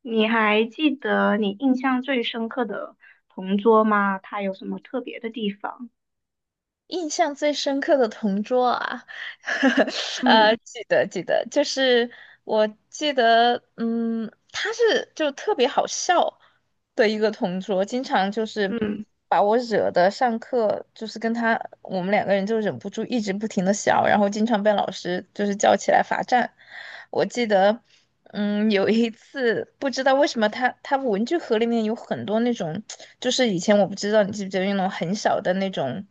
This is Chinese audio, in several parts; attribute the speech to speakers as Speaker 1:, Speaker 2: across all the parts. Speaker 1: 你还记得你印象最深刻的同桌吗？他有什么特别的地方？
Speaker 2: 印象最深刻的同桌啊，
Speaker 1: 嗯
Speaker 2: 记得记得，他是就特别好笑的一个同桌，经常就是
Speaker 1: 嗯
Speaker 2: 把我惹的上课就是跟他我们两个人就忍不住一直不停的笑，然后经常被老师就是叫起来罚站。我记得，有一次不知道为什么他文具盒里面有很多那种，就是以前我不知道你记不记得那种很小的那种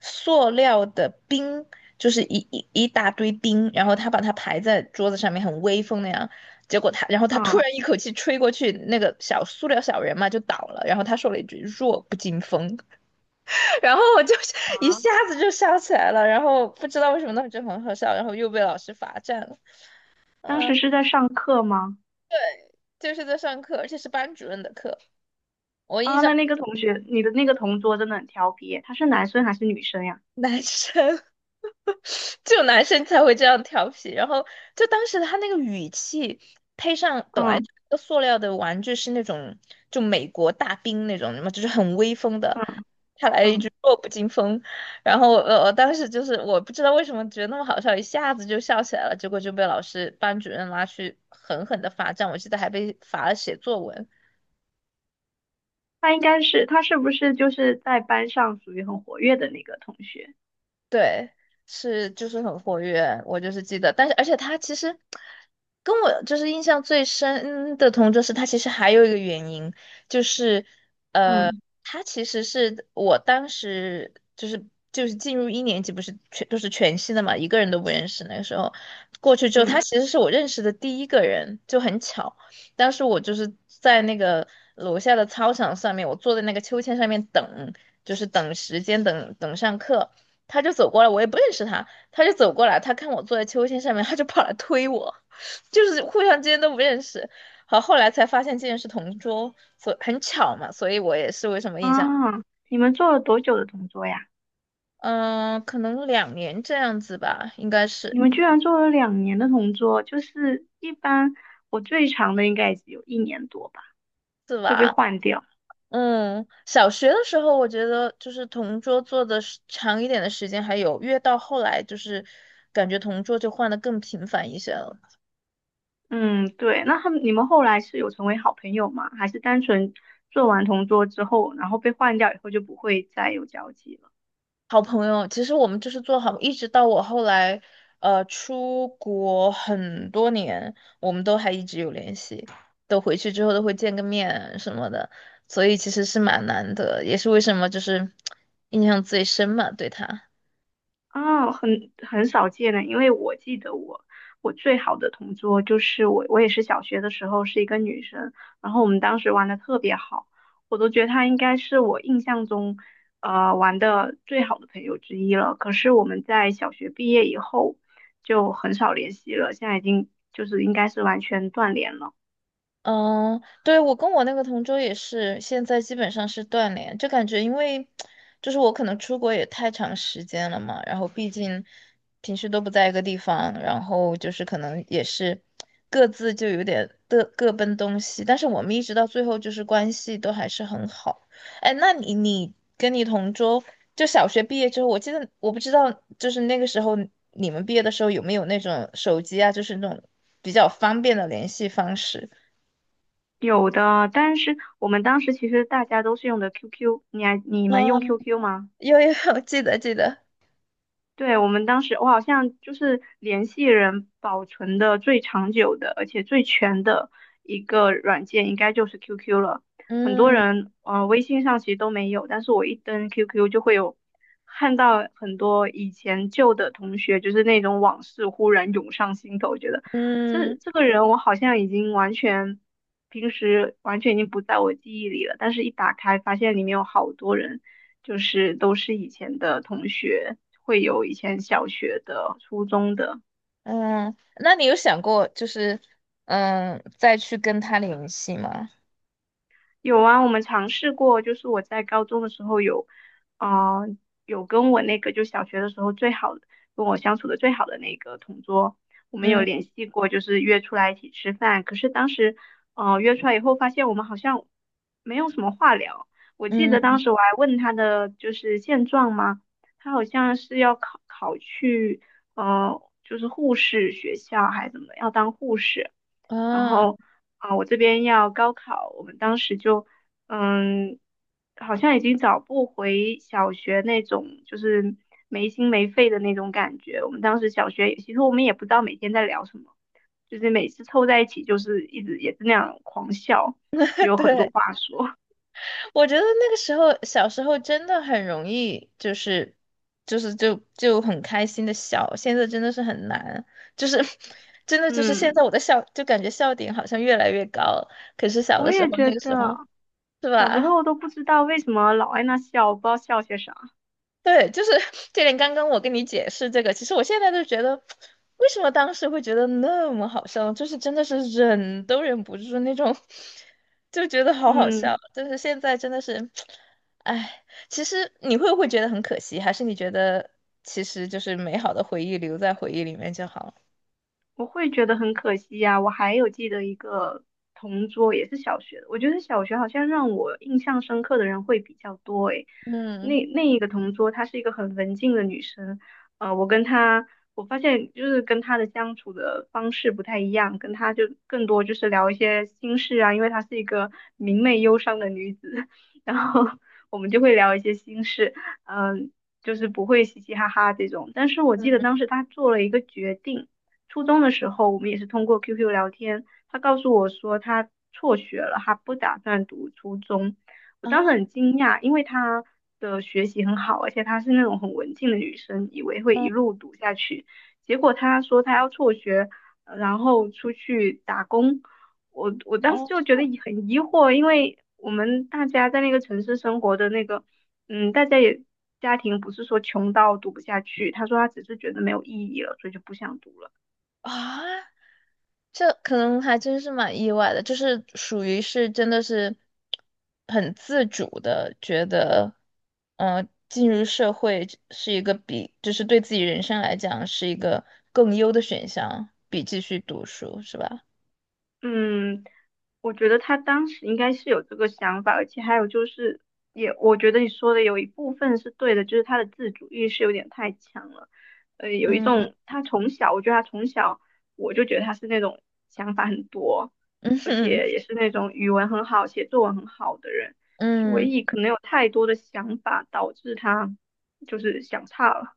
Speaker 2: 塑料的冰，就是一一一大堆冰，然后他把它排在桌子上面，很威风那样。结果他，然后他突
Speaker 1: 啊
Speaker 2: 然一口气吹过去，那个小塑料小人嘛就倒了。然后他说了一句“弱不禁风”，然后我就
Speaker 1: 啊！
Speaker 2: 一下子就笑起来了。然后不知道为什么当时就很好笑，然后又被老师罚站了。
Speaker 1: 当
Speaker 2: 嗯。
Speaker 1: 时是在上课吗？
Speaker 2: 就是在上课，而且是班主任的课。我印
Speaker 1: 啊，
Speaker 2: 象
Speaker 1: 那那个同学，你的那个同桌真的很调皮耶，他是男生还是女生呀？
Speaker 2: 男生 只有男生才会这样调皮，然后就当时他那个语气，配上本来
Speaker 1: 嗯
Speaker 2: 这个塑料的玩具是那种就美国大兵那种什么，就是很威风的，
Speaker 1: 嗯
Speaker 2: 他来了一句
Speaker 1: 嗯，
Speaker 2: 弱不禁风，然后我当时就是我不知道为什么觉得那么好笑，一下子就笑起来了，结果就被老师班主任拉去狠狠的罚站，我记得还被罚了写作文。
Speaker 1: 他应该是，他是不是就是在班上属于很活跃的那个同学？
Speaker 2: 对，是就是很活跃，我就是记得，但是而且他其实跟我就是印象最深的同桌是他其实还有一个原因，就是
Speaker 1: 嗯
Speaker 2: 他其实是我当时就是进入一年级，不是全都是全新的嘛，一个人都不认识。那个时候过去之后，他
Speaker 1: 嗯
Speaker 2: 其实是我认识的第一个人，就很巧。当时我就是在那个楼下的操场上面，我坐在那个秋千上面等，就是等时间，等等上课。他就走过来，我也不认识他，他就走过来，他看我坐在秋千上面，他就跑来推我，就是互相之间都不认识。好，后来才发现竟然是同桌，所很巧嘛，所以我也是为什么
Speaker 1: 啊，
Speaker 2: 印象，
Speaker 1: 你们做了多久的同桌呀？
Speaker 2: 嗯、可能2年这样子吧，应该
Speaker 1: 你
Speaker 2: 是
Speaker 1: 们居然做了两年的同桌，就是一般我最长的应该也只有一年多吧，
Speaker 2: 是
Speaker 1: 会被
Speaker 2: 吧？
Speaker 1: 换掉。
Speaker 2: 嗯，小学的时候我觉得就是同桌坐的时长一点的时间还有，越到后来就是感觉同桌就换的更频繁一些了。
Speaker 1: 嗯，对。那他们你们后来是有成为好朋友吗？还是单纯做完同桌之后，然后被换掉以后就不会再有交集了？
Speaker 2: 好朋友，其实我们就是做好，一直到我后来，出国很多年，我们都还一直有联系，都回去之后都会见个面什么的，所以其实是蛮难得，也是为什么就是印象最深嘛，对他。
Speaker 1: 啊，很很少见的，因为我记得我最好的同桌就是我，我也是小学的时候是一个女生，然后我们当时玩的特别好，我都觉得她应该是我印象中玩的最好的朋友之一了。可是我们在小学毕业以后就很少联系了，现在已经就是应该是完全断联了。
Speaker 2: 嗯，对，我跟我那个同桌也是，现在基本上是断联，就感觉因为就是我可能出国也太长时间了嘛，然后毕竟平时都不在一个地方，然后就是可能也是各自就有点各各奔东西，但是我们一直到最后就是关系都还是很好。哎，那你跟你同桌就小学毕业之后，我记得我不知道就是那个时候你们毕业的时候有没有那种手机啊，就是那种比较方便的联系方式。
Speaker 1: 有的，但是我们当时其实大家都是用的 QQ，你们用
Speaker 2: 嗯，
Speaker 1: QQ 吗？
Speaker 2: 有有 记得记得，
Speaker 1: 对，我们当时，我好像就是联系人保存的最长久的，而且最全的一个软件，应该就是 QQ 了。很多
Speaker 2: 嗯
Speaker 1: 人，微信上其实都没有，但是我一登 QQ 就会有看到很多以前旧的同学，就是那种往事忽然涌上心头，觉得这
Speaker 2: 嗯
Speaker 1: 这个人我好像已经完全，平时完全已经不在我记忆里了，但是一打开发现里面有好多人，就是都是以前的同学。会有以前小学的、初中的。
Speaker 2: 嗯，那你有想过就是再去跟他联系吗？
Speaker 1: 有啊，我们尝试过，就是我在高中的时候有，啊、有跟我那个就小学的时候最好跟我相处的最好的那个同桌，我们有
Speaker 2: 嗯
Speaker 1: 联系过，就是约出来一起吃饭。可是当时，约出来以后发现我们好像没有什么话聊。我记得当
Speaker 2: 嗯
Speaker 1: 时我还问他的就是现状嘛，他好像是要考去，就是护士学校还是怎么，要当护士。然
Speaker 2: 啊，
Speaker 1: 后啊，我这边要高考，我们当时就嗯，好像已经找不回小学那种就是没心没肺的那种感觉。我们当时小学也，其实我们也不知道每天在聊什么，就是每次凑在一起就是一直也是那样狂笑，就 有很多
Speaker 2: 对，
Speaker 1: 话说。
Speaker 2: 我觉得那个时候小时候真的很容易，就很开心的笑，现在真的是很难，就是 真的就是现
Speaker 1: 嗯，
Speaker 2: 在我的笑就感觉笑点好像越来越高了，可是小
Speaker 1: 我
Speaker 2: 的时候
Speaker 1: 也觉
Speaker 2: 那个时候
Speaker 1: 得
Speaker 2: 是
Speaker 1: 小时
Speaker 2: 吧？
Speaker 1: 候都不知道为什么老爱那笑，不知道笑些啥。
Speaker 2: 对，就是这点。刚刚我跟你解释这个，其实我现在都觉得，为什么当时会觉得那么好笑，就是真的是忍都忍不住那种，就觉得好好笑。
Speaker 1: 嗯。
Speaker 2: 就是现在真的是，哎，其实你会不会觉得很可惜，还是你觉得其实就是美好的回忆留在回忆里面就好了？
Speaker 1: 我会觉得很可惜呀、我还有记得一个同桌，也是小学的。我觉得小学好像让我印象深刻的人会比较多诶。
Speaker 2: 嗯，
Speaker 1: 那那一个同桌，她是一个很文静的女生。我跟她，我发现就是跟她的相处的方式不太一样，跟她就更多就是聊一些心事啊，因为她是一个明媚忧伤的女子，然后我们就会聊一些心事，嗯、就是不会嘻嘻哈哈这种。但是我记得当时她做了一个决定。初中的时候，我们也是通过 QQ 聊天，他告诉我说他辍学了，他不打算读初中。我当时
Speaker 2: 啊，
Speaker 1: 很惊讶，因为他的学习很好，而且她是那种很文静的女生，以为会一
Speaker 2: 嗯，
Speaker 1: 路读下去。结果他说她要辍学，然后出去打工。我当时
Speaker 2: 哦，
Speaker 1: 就觉得很疑惑，因为我们大家在那个城市生活的那个，嗯，大家也家庭不是说穷到读不下去。他说他只是觉得没有意义了，所以就不想读了。
Speaker 2: 啊。这可能还真是蛮意外的，就是属于是真的是很自主的，觉得，嗯、进入社会是一个比，就是对自己人生来讲是一个更优的选项，比继续读书，是吧？
Speaker 1: 嗯，我觉得他当时应该是有这个想法，而且还有就是也，我觉得你说的有一部分是对的，就是他的自主意识有点太强了。有一种他从小，我觉得他从小我就觉得他是那种想法很多，
Speaker 2: 嗯
Speaker 1: 而
Speaker 2: 哼，
Speaker 1: 且也是那种语文很好、写作文很好的人，所
Speaker 2: 嗯
Speaker 1: 以可能有太多的想法导致他就是想差了。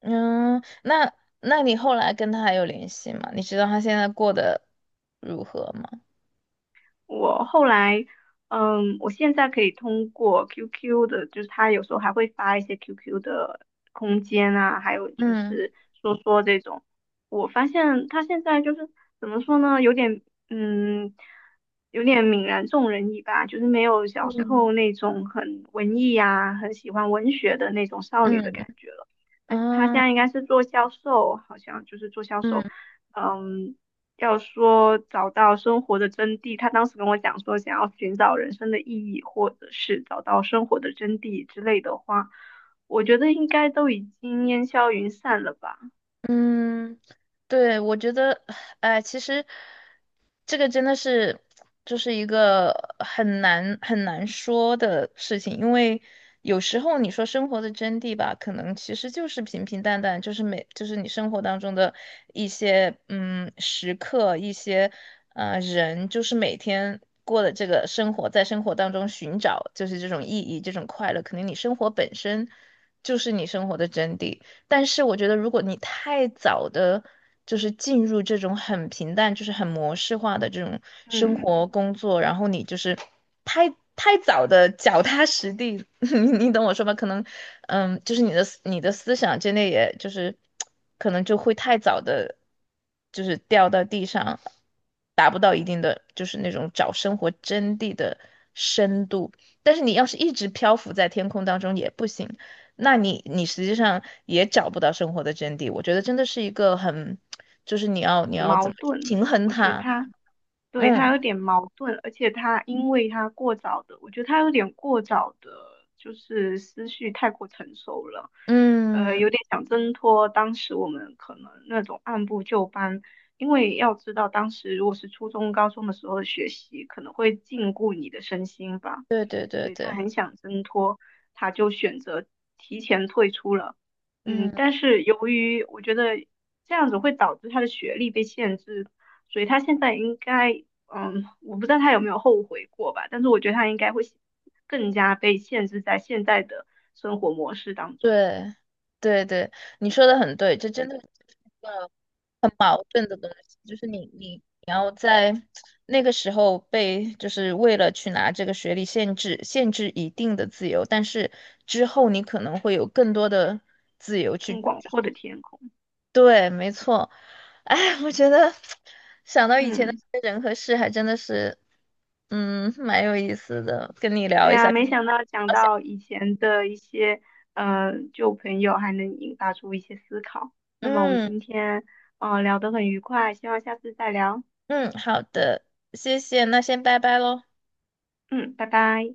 Speaker 2: 嗯，那那你后来跟他还有联系吗？你知道他现在过得如何吗？
Speaker 1: 我后来，嗯，我现在可以通过 QQ 的，就是他有时候还会发一些 QQ 的空间啊，还有就
Speaker 2: 嗯
Speaker 1: 是说说这种，我发现他现在就是怎么说呢，有点，嗯，有点泯然众人矣吧，就是没有小时
Speaker 2: 嗯
Speaker 1: 候那种很文艺呀、很喜欢文学的那种少女的
Speaker 2: 嗯
Speaker 1: 感觉了。他现
Speaker 2: 嗯
Speaker 1: 在应该是做销售，好像就是做销
Speaker 2: 嗯。
Speaker 1: 售，嗯。要说找到生活的真谛，他当时跟我讲说，想要寻找人生的意义，或者是找到生活的真谛之类的话，我觉得应该都已经烟消云散了吧。
Speaker 2: 嗯，对，我觉得，哎，其实这个真的是就是一个很难很难说的事情，因为有时候你说生活的真谛吧，可能其实就是平平淡淡，就是每就是你生活当中的一些时刻，一些人，就是每天过的这个生活，在生活当中寻找就是这种意义，这种快乐，可能你生活本身就是你生活的真谛。但是我觉得，如果你太早的就是进入这种很平淡、就是很模式化的这种生
Speaker 1: 嗯，
Speaker 2: 活工作，然后你就是太太早的脚踏实地，你你懂我说吧？可能，嗯，就是你的思想真的也就是可能就会太早的，就是掉到地上，达不到一定的就是那种找生活真谛的深度。但是你要是一直漂浮在天空当中也不行。那你你实际上也找不到生活的真谛。我觉得真的是一个很，就是你要怎
Speaker 1: 矛
Speaker 2: 么去
Speaker 1: 盾，
Speaker 2: 平衡
Speaker 1: 我觉得
Speaker 2: 它。
Speaker 1: 他对，他
Speaker 2: 嗯
Speaker 1: 有点矛盾，而且他因为他过早的，我觉得他有点过早的，就是思绪太过成熟了，
Speaker 2: 嗯，
Speaker 1: 有点想挣脱当时我们可能那种按部就班，因为要知道当时如果是初中、高中的时候的学习，可能会禁锢你的身心吧，
Speaker 2: 对对对
Speaker 1: 所以他
Speaker 2: 对，
Speaker 1: 很想挣脱，他就选择提前退出了。嗯，
Speaker 2: 嗯
Speaker 1: 但是由于我觉得这样子会导致他的学历被限制，所以他现在应该，嗯，我不知道他有没有后悔过吧，但是我觉得他应该会更加被限制在现在的生活模式当中，
Speaker 2: 对对对，你说的很对，这真的是一个矛盾的东西，就是你要在那个时候被就是为了去拿这个学历限制一定的自由，但是之后你可能会有更多的自由
Speaker 1: 更
Speaker 2: 去。
Speaker 1: 广阔的天空。
Speaker 2: 对，没错。哎，我觉得想到以前的一
Speaker 1: 嗯，
Speaker 2: 些人和事，还真的是，嗯，蛮有意思的。跟你聊
Speaker 1: 对
Speaker 2: 一下，
Speaker 1: 啊，没想到讲
Speaker 2: 好想
Speaker 1: 到以前的一些旧朋友，还能引发出一些思考。那么我们
Speaker 2: 嗯
Speaker 1: 今天聊得很愉快，希望下次再聊。
Speaker 2: 嗯，好的，谢谢，那先拜拜喽。
Speaker 1: 嗯，拜拜。